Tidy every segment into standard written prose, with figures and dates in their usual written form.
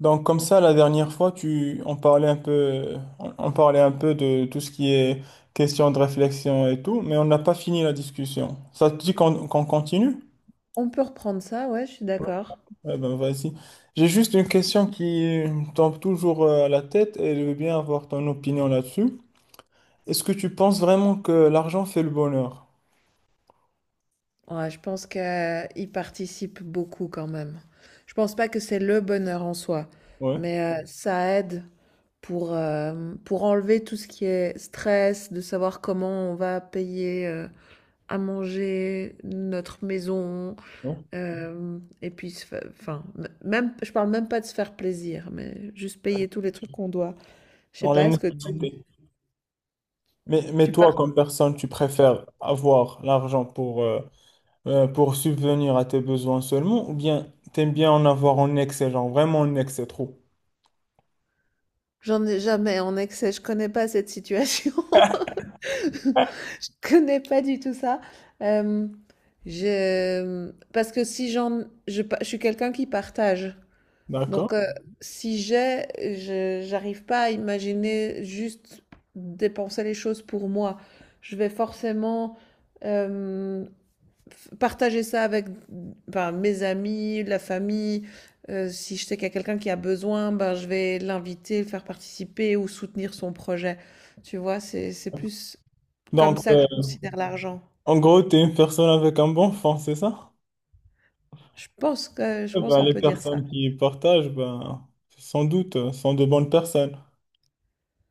Donc comme ça, la dernière fois, on parlait un peu, on parlait un peu de tout ce qui est question de réflexion et tout, mais on n'a pas fini la discussion. Ça te dit qu'on continue? On peut reprendre ça, ouais, je suis d'accord. Eh ben vas-y. J'ai juste une question qui me tombe toujours à la tête et je veux bien avoir ton opinion là-dessus. Est-ce que tu penses vraiment que l'argent fait le bonheur? Ouais, je pense qu'il participe beaucoup quand même. Je pense pas que c'est le bonheur en soi, Ouais, mais ça aide pour enlever tout ce qui est stress, de savoir comment on va payer à manger, notre maison, ouais. Et puis, enfin, même, je parle même pas de se faire plaisir, mais juste payer tous les trucs qu'on doit. Je sais Dans les pas, nécessités. Mais tu toi, pars? comme personne, tu préfères avoir l'argent pour subvenir à tes besoins seulement, ou bien t'aimes bien en avoir en excès, genre vraiment en excès trop. J'en ai jamais en excès, je connais pas cette situation. Je connais pas du tout ça. Euh, je... Parce que si j'en... je suis quelqu'un qui partage. D'accord? Donc, Mhm. Si j'ai, j'arrive pas à imaginer juste dépenser les choses pour moi. Je vais forcément euh, partager ça avec ben, mes amis, la famille. Si je sais qu'il y a quelqu'un qui a besoin, ben, je vais l'inviter, le faire participer ou soutenir son projet. Tu vois, c'est plus comme Donc, ça que je considère l'argent. en gros, t'es une personne avec un bon fond, c'est ça? Je Eh pense ben, qu'on les peut dire ça. personnes qui partagent, ben, sans doute, sont de bonnes personnes.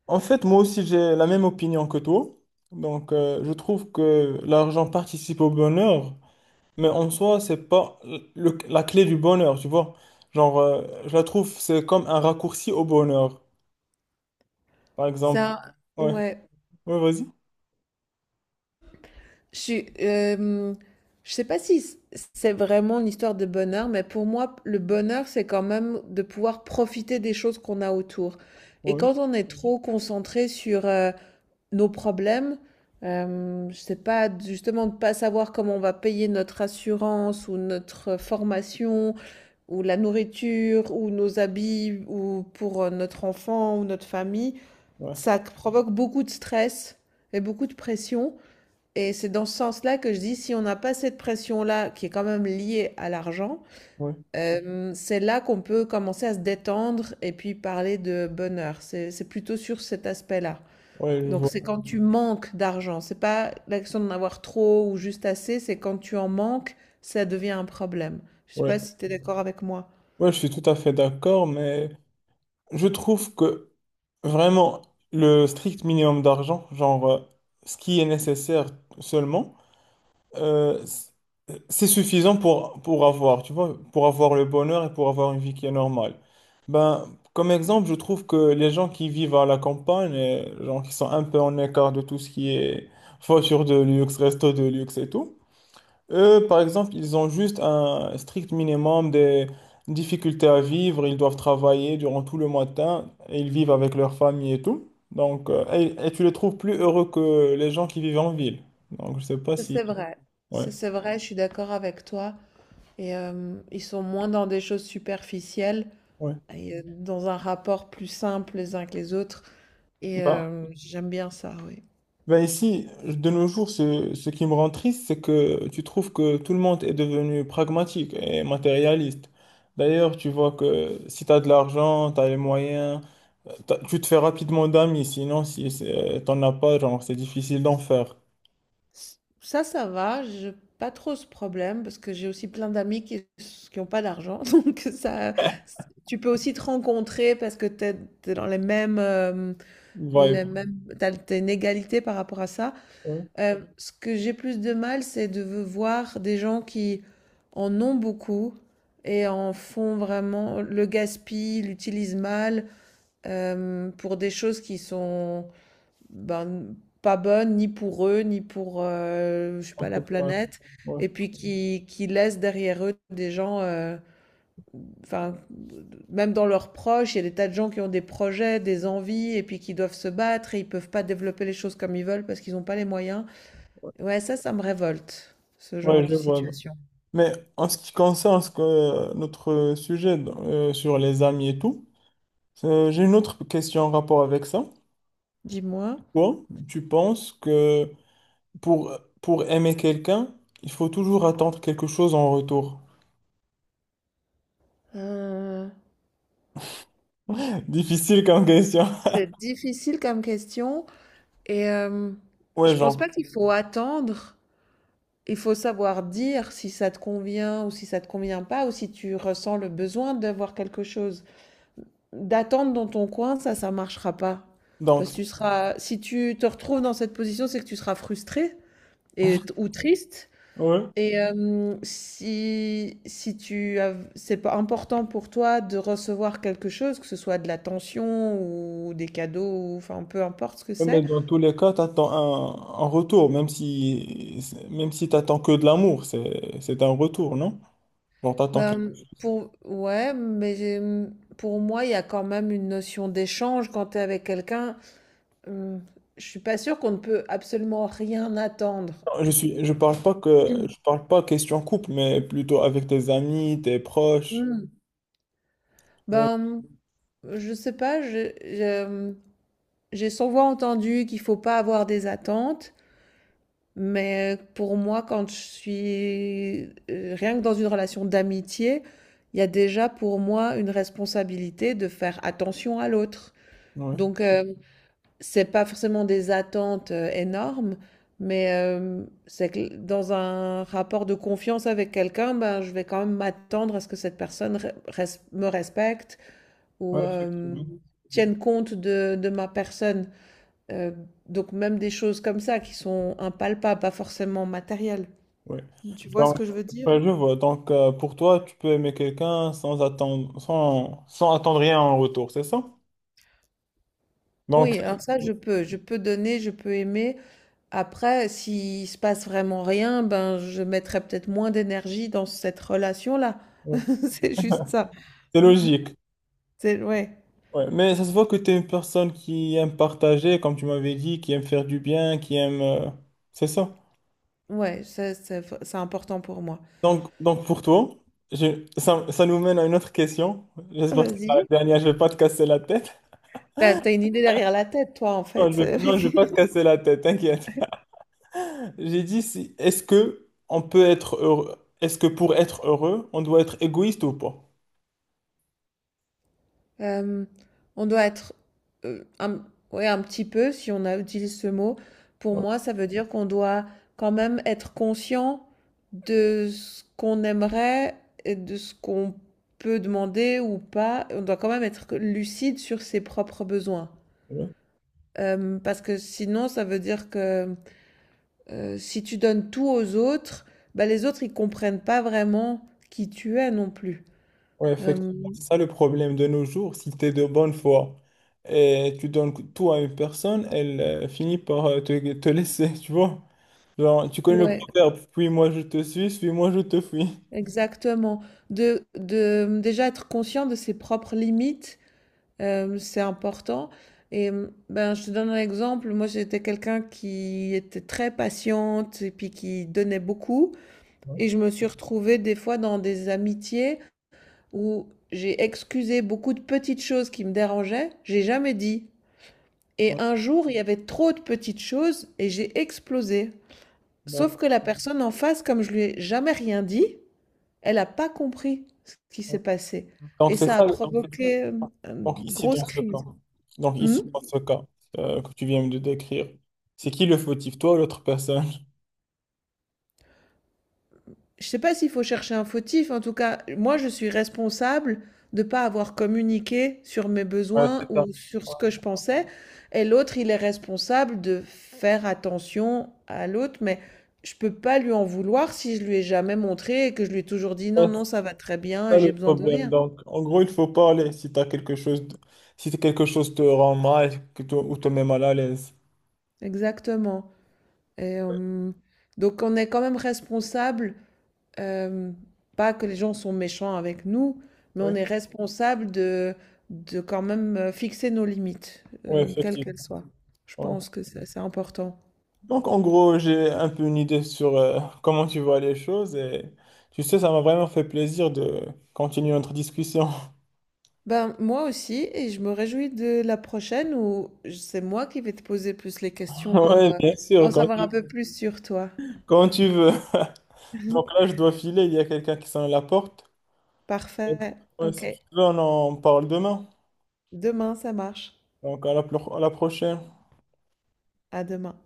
En fait, moi aussi, j'ai la même opinion que toi. Donc, je trouve que l'argent participe au bonheur, mais en soi, c'est pas la clé du bonheur, tu vois. Genre, je la trouve, c'est comme un raccourci au bonheur. Par exemple, Ça, ouais, ouais. ouais, vas-y. Je suis, je sais pas si c c'est vraiment une histoire de bonheur, mais pour moi, le bonheur, c'est quand même de pouvoir profiter des choses qu'on a autour. Et Oui, quand on est trop concentré sur, nos problèmes, je sais pas, justement de pas savoir comment on va payer notre assurance ou notre formation ou la nourriture, ou nos habits, ou pour notre enfant, ou notre famille, ouais, ça provoque beaucoup de stress et beaucoup de pression. Et c'est dans ce sens-là que je dis, si on n'a pas cette pression-là, qui est quand même liée à l'argent, ouais, c'est là qu'on peut commencer à se détendre et puis parler de bonheur. C'est plutôt sur cet aspect-là. ouais, je Donc vois. c'est quand tu manques d'argent. C'est pas la question d'en avoir trop ou juste assez, c'est quand tu en manques, ça devient un problème. Je sais pas Ouais. si tu es d'accord avec moi. Ouais, je suis tout à fait d'accord, mais je trouve que vraiment le strict minimum d'argent, genre ce qui est nécessaire seulement, euh, c- c'est suffisant pour avoir, tu vois, pour avoir le bonheur et pour avoir une vie qui est normale. Ben, comme exemple, je trouve que les gens qui vivent à la campagne, genre qui sont un peu en écart de tout ce qui est voiture de luxe, resto de luxe et tout, eux, par exemple, ils ont juste un strict minimum de difficultés à vivre. Ils doivent travailler durant tout le matin et ils vivent avec leur famille et tout. Donc, et tu les trouves plus heureux que les gens qui vivent en ville. Donc, je sais pas Ça, si. c'est vrai. Ouais, Ça, c'est vrai, je suis d'accord avec toi. Et ils sont moins dans des choses superficielles ouais. et dans un rapport plus simple les uns que les autres. Et Bah, j'aime bien ça, oui. ben ici, de nos jours, ce qui me rend triste, c'est que tu trouves que tout le monde est devenu pragmatique et matérialiste. D'ailleurs, tu vois que si tu as de l'argent, tu as les moyens. Tu te fais rapidement d'amis, sinon si t'en as pas, genre c'est difficile d'en faire. Ça, ça va, j'ai pas trop ce problème parce que j'ai aussi plein d'amis qui ont pas d'argent. Donc ça, tu peux aussi te rencontrer parce que t'es es dans Vibe. les mêmes, t'as une égalité par rapport à ça. Ouais, Ce que j'ai plus de mal, c'est de voir des gens qui en ont beaucoup et en font vraiment le gaspillent, l'utilisent mal pour des choses qui sont ben, pas bonnes ni pour eux, ni pour je sais en pas, la tout cas, planète, ouais. et puis qui laissent derrière eux des gens, enfin, même dans leurs proches, il y a des tas de gens qui ont des projets, des envies, et puis qui doivent se battre et ils peuvent pas développer les choses comme ils veulent parce qu'ils n'ont pas les moyens. Ouais, ça me révolte, ce genre Ouais, je de vois. situation. Mais en ce qui concerne notre sujet sur les amis et tout, j'ai une autre question en rapport avec ça. Dis-moi. Toi, tu penses que pour, pour aimer quelqu'un, il faut toujours attendre quelque chose en retour? Euh, Difficile comme question. c'est difficile comme question et Ouais, je pense genre. pas qu'il faut attendre. Il faut savoir dire si ça te convient ou si ça te convient pas ou si tu ressens le besoin d'avoir quelque chose. D'attendre dans ton coin, ça marchera pas. Donc, Parce que tu seras, si tu te retrouves dans cette position, c'est que tu seras frustré et, ou triste. ouais. Et si, si tu as, c'est pas important pour toi de recevoir quelque chose, que ce soit de l'attention ou des cadeaux, ou, enfin peu importe ce que Ouais, mais c'est, dans tous les cas, tu attends un retour, même si tu attends que de l'amour, c'est un retour, non? Genre, t'attends que... ben, pour, ouais, pour moi, il y a quand même une notion d'échange quand tu es avec quelqu'un. Hum, je suis pas sûre qu'on ne peut absolument rien attendre. Je suis, je Hum. parle pas question couple, mais plutôt avec tes amis, tes proches. Hum. Tu Ben, je sais pas, j'ai souvent entendu qu'il faut pas avoir des attentes. Mais pour moi, quand je suis rien que dans une relation d'amitié, il y a déjà pour moi une responsabilité de faire attention à l'autre. ouais, Donc, c'est pas forcément des attentes énormes, mais c'est que dans un rapport de confiance avec quelqu'un, ben, je vais quand même m'attendre à ce que cette personne me respecte ou ouais, effectivement. Mhm. Tienne compte de ma personne. Euh, donc, même des choses comme ça qui sont impalpables, pas forcément matérielles. Ouais. Tu vois ce Donc, que je veux dire? ouais, je vois. Donc, pour toi, tu peux aimer quelqu'un sans attendre, sans attendre rien en retour, c'est ça? Donc, Oui, alors ça, je peux donner, je peux aimer. Après, s'il se passe vraiment rien, ben, je mettrai peut-être moins d'énergie dans cette relation-là. ouais, C'est juste ça. c'est logique. C'est, ouais, Ouais, mais ça se voit que tu es une personne qui aime partager, comme tu m'avais dit, qui aime faire du bien, qui aime... C'est ça. ouais, c'est important pour moi. Donc pour toi, ça, ça nous mène à une autre question. J'espère que c'est pas la Vas-y. dernière, je vais pas te casser la tête. T'as une idée derrière la tête, toi, en Non, fait. Je vais pas te casser la tête, t'inquiète. J'ai dit, si, est-ce que on peut être heureux? Est-ce que pour être heureux, on doit être égoïste ou pas? Euh, on doit être euh, un, ouais, un petit peu, si on a, utilise ce mot, pour Ouais. moi, ça veut dire qu'on doit quand même être conscient de ce qu'on aimerait et de ce qu'on peut demander ou pas. On doit quand même être lucide sur ses propres besoins. Ouais. Parce que sinon, ça veut dire que si tu donnes tout aux autres, bah, les autres, ils comprennent pas vraiment qui tu es non plus. Oui, effectivement, Euh, c'est ça le problème de nos jours. Si tu es de bonne foi et tu donnes tout à une personne, elle finit par te laisser, tu vois. Genre, tu connais le ouais, proverbe, puis moi je te suis, suis-moi je te fuis. exactement. De déjà être conscient de ses propres limites, c'est important. Et ben, je te donne un exemple. Moi, j'étais quelqu'un qui était très patiente et puis qui donnait beaucoup. Ouais, Et je me suis retrouvée des fois dans des amitiés où j'ai excusé beaucoup de petites choses qui me dérangeaient. J'ai jamais dit. Et ouais, un jour, il y avait trop de petites choses et j'ai explosé. Sauf d'accord. que la personne en face, comme je lui ai jamais rien dit, elle a pas compris ce qui s'est passé Donc et c'est ça a ça. provoqué, Donc une ici, grosse dans ce cas, crise. donc Mmh? ici, dans ce cas que tu viens de décrire, c'est qui le fautif, toi ou l'autre personne? Je ne sais pas s'il faut chercher un fautif, en tout cas, moi je suis responsable de ne pas avoir communiqué sur mes Ouais, c'est besoins ça. ou sur ce que je pensais et l'autre, il est responsable de faire attention à l'autre, mais je ne peux pas lui en vouloir si je lui ai jamais montré et que je lui ai toujours dit: Ouais, «Non, c'est non, ça va très bien ça et j'ai le besoin de problème. rien». Donc, en gros, il faut parler si t'as quelque chose, si quelque chose te rend mal, ou te met mal à l'aise. Exactement et donc on est quand même responsable euh, pas que les gens sont méchants avec nous, mais on Oui. est responsable de quand même fixer nos limites, Oui, quelles qu'elles effectivement. soient. Je Ouais. pense que c'est important. Donc, en gros, j'ai un peu une idée sur comment tu vois les choses et tu sais, ça m'a vraiment fait plaisir de continuer notre discussion. Ben, moi aussi, et je me réjouis de la prochaine où c'est moi qui vais te poser plus les questions pour Oui, bien sûr, en savoir un peu plus sur toi. quand tu veux. Donc là, je dois filer, il y a quelqu'un qui sonne à la porte. Parfait. Ouais, Ok. si tu veux, on en parle demain. Demain, ça marche. Donc, à la prochaine. À demain.